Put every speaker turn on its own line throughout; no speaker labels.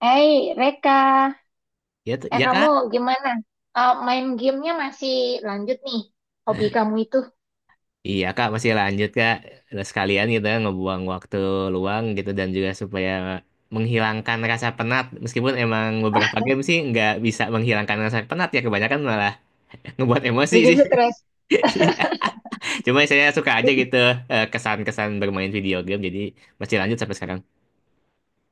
Hey, Reka.
Ya, ya
Kamu
kak.
gimana? Main gamenya masih lanjut nih, hobi kamu itu.
Iya kak masih lanjut kak. Udah sekalian gitu ya, ngebuang waktu luang gitu dan juga supaya menghilangkan rasa penat. Meskipun emang beberapa game sih nggak bisa menghilangkan rasa penat ya kebanyakan malah ngebuat emosi
Bikin
sih.
stres.
Iya. Cuma saya suka aja gitu kesan-kesan bermain video game jadi masih lanjut sampai sekarang.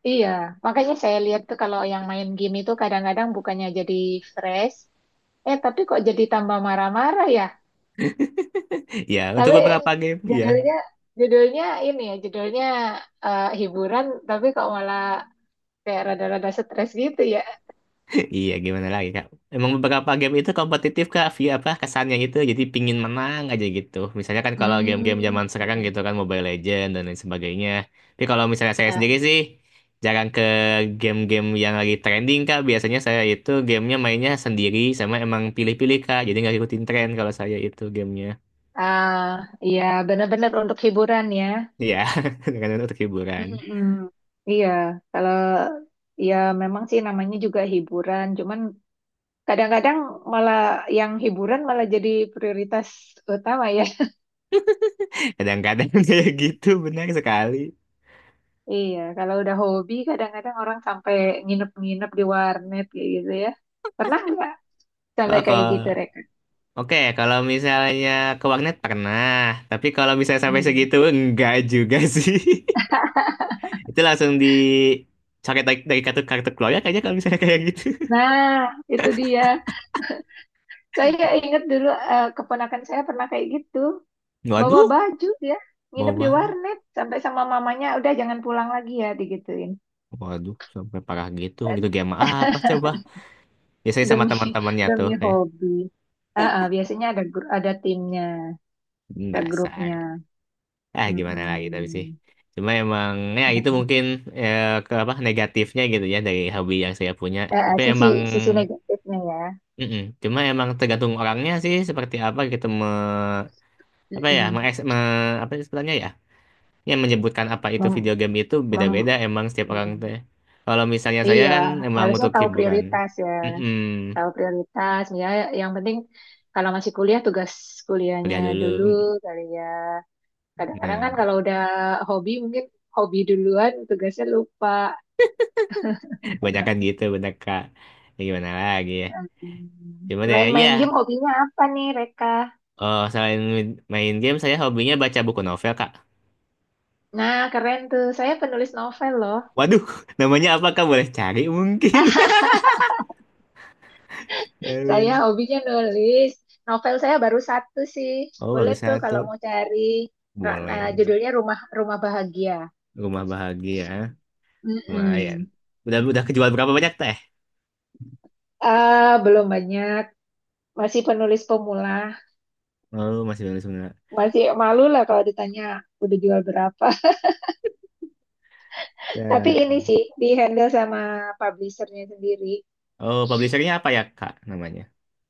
Iya, makanya saya lihat tuh kalau yang main game itu kadang-kadang bukannya jadi fresh, tapi kok jadi tambah marah-marah ya.
Ya
Tapi
untuk beberapa game. Iya.
judulnya, judulnya ini ya, judulnya hiburan, tapi kok malah kayak rada-rada stres gitu ya.
Iya, gimana lagi, Kak? Emang beberapa game itu kompetitif, Kak. Via apa kesannya itu jadi pingin menang aja gitu. Misalnya kan kalau game-game
Hmm.
zaman sekarang
Mm-mm.
gitu kan Mobile Legends dan lain sebagainya. Tapi kalau misalnya saya
Eh,
sendiri sih jarang ke game-game yang lagi trending, Kak. Biasanya saya itu gamenya mainnya sendiri sama emang pilih-pilih, Kak. Jadi nggak ikutin tren kalau saya itu gamenya.
ah, iya, benar-benar untuk hiburan ya.
Iya, kadang-kadang untuk hiburan.
Mm-mm. Iya, kalau ya memang sih namanya juga hiburan, cuman kadang-kadang malah yang hiburan malah jadi prioritas utama ya.
Kadang-kadang kayak gitu, benar sekali.
Iya, kalau udah hobi kadang-kadang orang sampai nginep-nginep di warnet kayak gitu ya. Pernah nggak sampai
Wah,
kayak gitu, Reka?
oke, kalau misalnya ke warnet pernah, tapi kalau misalnya sampai
Hmm.
segitu enggak juga sih. Itu langsung dicoret dari kartu kartu keluarga kayaknya kalau misalnya kayak gitu.
Nah, itu dia. Saya ingat dulu keponakan saya pernah kayak gitu. Bawa
Waduh,
baju ya, nginep di
bawaan.
warnet sampai sama mamanya udah jangan pulang lagi ya digituin.
Waduh, sampai parah gitu. Gitu game apa coba? Biasanya sama
Demi
teman-temannya tuh
demi
kayak,
hobi. Biasanya ada ada timnya,
"Hmm,
ada grupnya.
dasar." Ah, gimana lagi tapi sih.
Mm-mm.
Cuma emang ya itu mungkin ke apa negatifnya gitu ya dari hobi yang saya punya. Tapi
Sisi
emang
sisi negatifnya ya.
mm-mm. Cuma emang tergantung orangnya sih seperti apa gitu apa ya me,
Mm-mm.
me, apa sih sebutannya ya yang menyebutkan apa itu
Mem-
video game itu beda-beda
mem-
emang setiap orang
Mm-mm.
teh. Kalau misalnya saya
Iya,
kan emang
harusnya
untuk
tahu
hiburan.
prioritas ya.
Mm-mm.
Tahu prioritas. Ya, yang penting kalau masih kuliah tugas kuliahnya
Kuliah dulu.
dulu
Mm.
kali ya. Kadang-kadang kan
Nah,
kalau udah hobi mungkin hobi duluan tugasnya lupa.
kebanyakan gitu bener Kak. Ya gimana lagi ya.
Mm.
Cuma deh
Selain
iya.
main game, hobinya apa nih, Reka?
Oh, selain main game saya hobinya baca buku novel Kak.
Nah, keren tuh. Saya penulis novel loh.
Waduh, namanya apa Kak? Boleh cari
Ah,
mungkin. Ya
saya
ampun.
hobinya nulis. Novel saya baru satu sih.
Oh,
Boleh
bagus
tuh kalau
satu.
mau cari. Nah,
Boleh.
judulnya Rumah Rumah Bahagia.
Rumah bahagia. Lumayan.
Mm-mm.
Udah kejual berapa banyak teh?
Belum banyak. Masih penulis pemula.
Oh, masih baru sebenarnya.
Masih malu lah kalau ditanya udah jual berapa. Tapi
Teh.
ini sih di handle sama publishernya sendiri.
Oh, publishernya apa ya, Kak, namanya?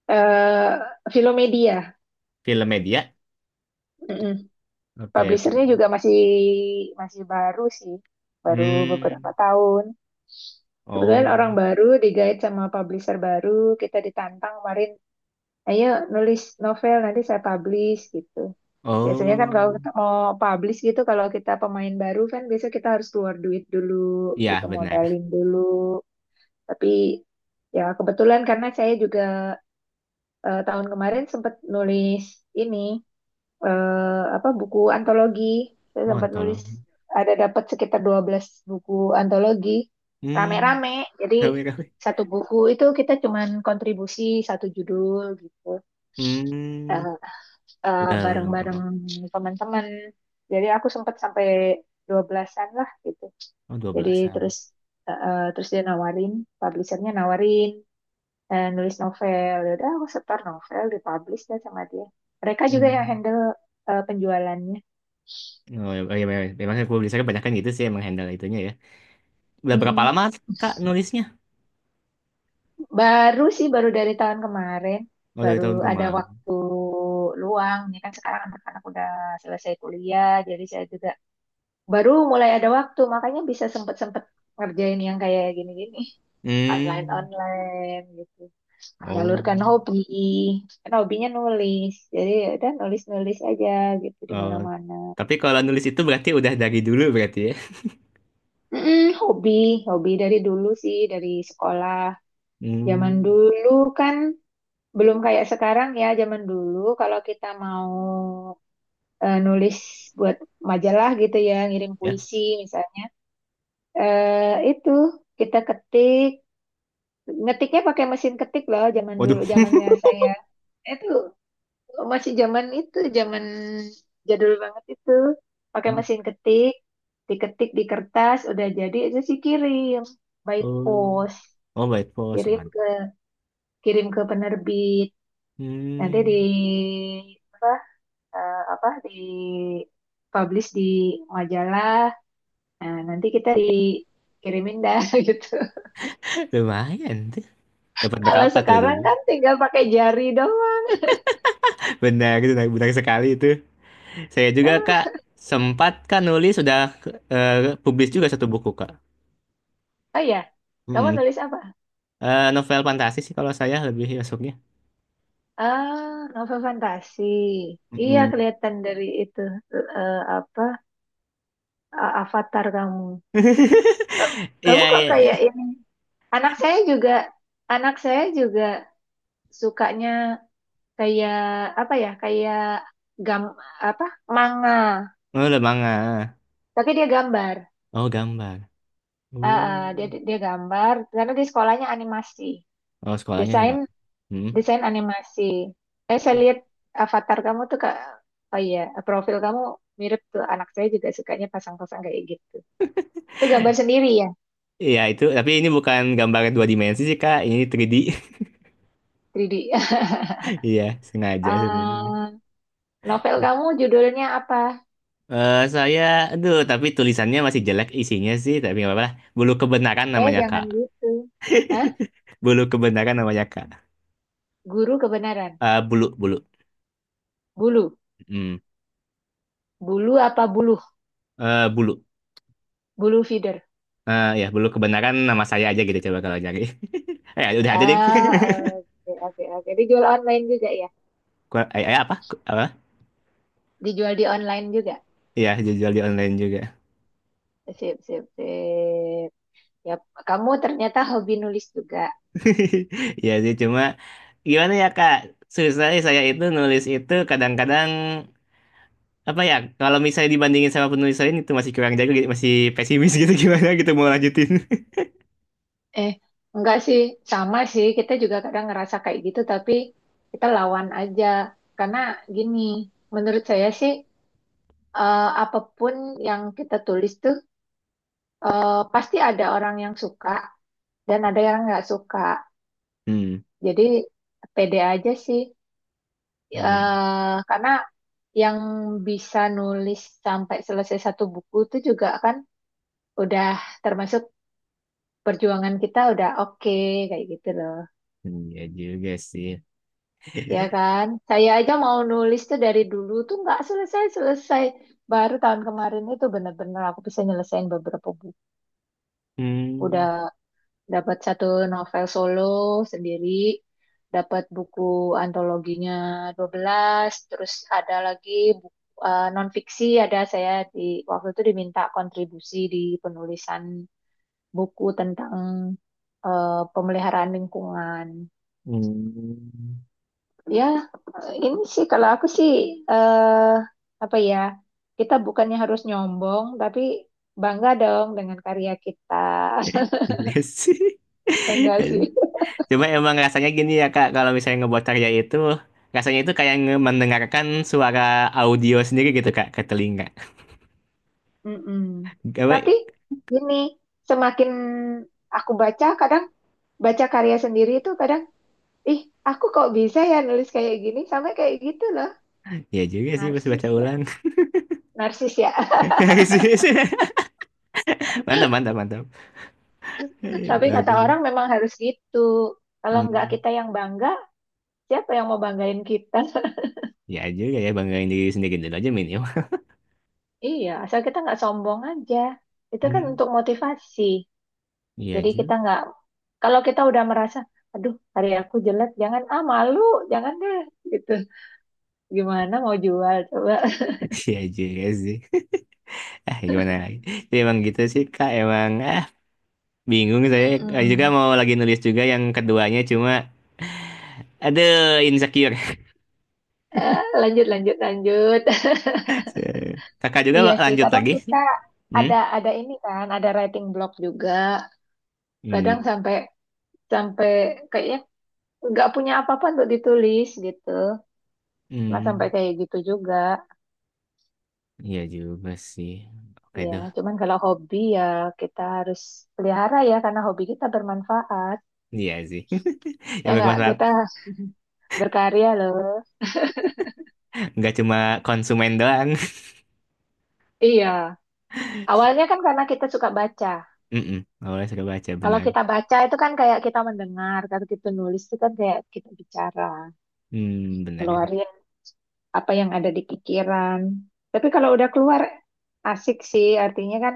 Eh, Filomedia.
Film Media?
Mm-mm.
Oke,
Publishernya
film.
juga masih masih baru sih, baru beberapa
Hmm.
tahun. Kebetulan
Oh.
orang baru digait sama publisher baru, kita ditantang kemarin, ayo nulis novel nanti saya publish gitu. Biasanya kan
Oh.
kalau kita mau publish gitu, kalau kita pemain baru kan biasa kita harus keluar duit dulu,
Iya,
gitu
benar.
modalin dulu. Tapi ya kebetulan karena saya juga tahun kemarin sempat nulis ini apa buku antologi. Saya
Mohon
sempat nulis
tolong.
ada dapat sekitar 12 buku antologi
Hmm.
rame-rame. Jadi
Kami.
satu buku itu kita cuman kontribusi satu judul gitu.
Hmm.
Eh,
Udah, loh.
Bareng-bareng teman-teman. Jadi aku sempat sampai 12-an lah gitu.
Oh,
Jadi
12-an.
terus dia nawarin, publishernya nawarin nulis novel. Ya udah aku setor novel, dipublish dah sama dia. Mereka juga yang
Hmm.
handle penjualannya.
Oh, ya, ya, ya, ya. Memang publishernya banyak kan gitu sih emang handle itunya ya. Udah berapa
Mm-mm.
lama, Kak, nulisnya?
Baru sih, baru dari tahun kemarin,
Oh, dari
baru
tahun
ada
kemarin.
waktu luang. Ini kan sekarang anak-anak udah selesai kuliah, jadi saya juga baru mulai ada waktu, makanya bisa sempet-sempet ngerjain yang kayak gini-gini,
Hmm.
online-online gitu.
Oh.
Menyalurkan hobi, kan hobinya nulis, jadi ya udah nulis-nulis aja gitu di
Oh,
mana-mana.
tapi kalau nulis itu berarti udah dari dulu berarti ya?
Mm-mm. Hobi dari dulu sih, dari sekolah. Zaman
Hmm,
dulu kan belum kayak sekarang ya, zaman dulu kalau kita mau nulis buat majalah gitu ya, ngirim
ya.
puisi misalnya. Eh, itu kita ketik, ngetiknya pakai mesin ketik loh zaman
Waduh.
dulu, zamannya saya. Itu masih zaman itu, zaman jadul banget itu. Pakai mesin ketik, diketik di kertas, udah jadi itu sih kirim by
Oh,
post,
oh by post
kirim
one.
ke kirim ke penerbit. Nanti di
Hmm,
apa, eh, apa di publish di majalah. Nah, nanti kita dikirimin dah gitu.
lumayan tuh. Dapat
Kalau
berapa tuh
sekarang
dulu?
kan tinggal pakai jari doang.
Benar, benar, benar sekali itu. Saya juga kak
Eh,
sempat kan nulis sudah publis juga satu buku kak.
Oh ya, kamu
Hmm.
nulis apa?
Novel fantasi sih kalau saya lebih masuknya.
Novel fantasi. Iya,
Mm-mm.
kelihatan dari itu eh, apa avatar kamu. Eh, Kamu
Iya,
kok kayak
iya.
ini? Anak saya juga, anak saya juga sukanya kayak apa ya? Kayak gam apa? Manga.
Oh udah manga.
Tapi dia gambar.
Oh gambar.
Dia
Oh,
dia gambar karena di sekolahnya animasi,
oh sekolahnya nih
desain
mak. Hmm.
desain animasi. Saya lihat avatar kamu tuh kak, oh iya, profil kamu mirip tuh anak saya juga sukanya pasang-pasang kayak gitu. Itu gambar sendiri ya,
Iya itu, tapi ini bukan gambar dua dimensi sih Kak, ini 3D.
3D.
Iya, sengaja sebenarnya ini.
Ah, Novel kamu judulnya apa?
Eh saya, aduh, tapi tulisannya masih jelek isinya sih, tapi nggak apa-apa lah. Bulu kebenaran namanya Kak.
Jangan gitu. Hah?
Bulu kebenaran namanya Kak.
Guru kebenaran.
Eh, bulu, bulu.
Bulu.
Hmm.
Bulu apa buluh?
Eh, bulu.
Bulu feeder.
Eh ya, bulu kebenaran nama saya aja gitu coba kalau nyari. Eh, udah ada deh.
Ah, oke, oke, oke. Dijual online juga ya?
Eh, eh, apa? Apa?
Dijual di online juga?
Iya, jual di online juga.
Sip, sip, sip. Ya, kamu ternyata hobi nulis juga.
Iya sih, cuma gimana ya Kak? Susah sih saya itu nulis itu kadang-kadang apa ya kalau misalnya dibandingin sama penulis lain itu masih kurang jago gitu, masih pesimis gitu gimana gitu mau lanjutin.
Eh, enggak sih, sama sih. Kita juga kadang ngerasa kayak gitu, tapi kita lawan aja. Karena gini, menurut saya sih, apapun yang kita tulis tuh, pasti ada orang yang suka dan ada yang nggak suka.
Hmm,
Jadi, pede aja sih.
dia
Karena yang bisa nulis sampai selesai satu buku itu juga kan udah termasuk perjuangan, kita udah oke kayak gitu loh.
iya juga sih.
Ya kan, saya aja mau nulis tuh dari dulu tuh nggak selesai selesai, baru tahun kemarin itu bener-bener aku bisa nyelesain beberapa buku.
Hmm,
Udah dapat satu novel solo sendiri, dapat buku antologinya 12. Terus ada lagi buku non fiksi, ada saya di waktu itu diminta kontribusi di penulisan buku tentang pemeliharaan lingkungan.
hmm.
Ya, ini sih kalau aku sih eh apa ya, kita bukannya harus nyombong, tapi bangga dong dengan karya kita.
Iya sih.
Enggak sih.
Coba emang rasanya gini ya Kak, kalau misalnya ngebuat karya itu, rasanya itu kayak mendengarkan suara audio sendiri gitu Kak, ke telinga.
Mm-mm.
Gawe,
Tapi ini semakin aku baca, kadang baca karya sendiri itu kadang, ih, aku kok bisa ya nulis kayak gini, sampai kayak gitu loh.
ya juga sih pas baca
Narsis ya.
ulang.
Narsis ya.
Mantap, mantap, mantap.
Tapi kata
Bagus.
orang memang harus gitu. Kalau enggak
Hmm.
kita yang bangga, siapa yang mau banggain kita?
Ya juga ya, banggain diri sendiri dulu aja, Min.
Iya, asal kita nggak sombong aja. Itu kan
Hmm,
untuk motivasi.
iya
Jadi
juga,
kita nggak, kalau kita udah merasa, aduh, hari aku jelek, jangan malu, jangan deh, gitu. Gimana mau jual coba?
iya juga sih. Ah, gimana lagi? Jadi emang gitu sih Kak, emang ah bingung saya. Juga
Mm-mm.
mau lagi nulis juga yang keduanya cuma aduh insecure.
Lanjut, lanjut, lanjut.
Kakak juga
Iya sih,
lanjut
kadang
lagi sih.
kita
Hmm?
ada ini kan, ada writing block juga. Kadang
Hmm,
sampai sampai kayaknya nggak punya apa-apa untuk ditulis gitu. Nah, sampai
hmm,
kayak gitu juga.
iya juga sih. Oke
Ya,
deh,
cuman kalau hobi ya kita harus pelihara ya karena hobi kita bermanfaat.
iya sih. Ya
Ya nggak,
bermanfaat,
kita berkarya loh.
nggak cuma konsumen doang.
Iya. Awalnya kan karena kita suka baca.
Mm-mm. Awalnya suka baca
Kalau
benar.
kita baca itu kan kayak kita mendengar, kalau kita nulis itu kan kayak kita bicara,
Hmm, benar kan.
ngeluarin apa yang ada di pikiran. Tapi kalau udah keluar asik sih, artinya kan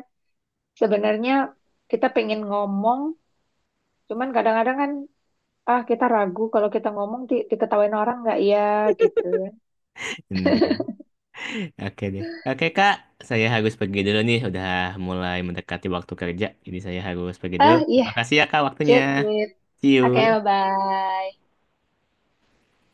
sebenarnya kita pengen ngomong, cuman kadang-kadang kan kita ragu kalau kita ngomong diketawain orang nggak ya gitu.
Benar. Oke deh. Oke Kak, saya harus pergi dulu nih. Udah mulai mendekati waktu kerja. Jadi saya harus pergi dulu.
Iya.
Makasih ya Kak waktunya.
Sip, sip.
See
Oke,
you.
bye-bye.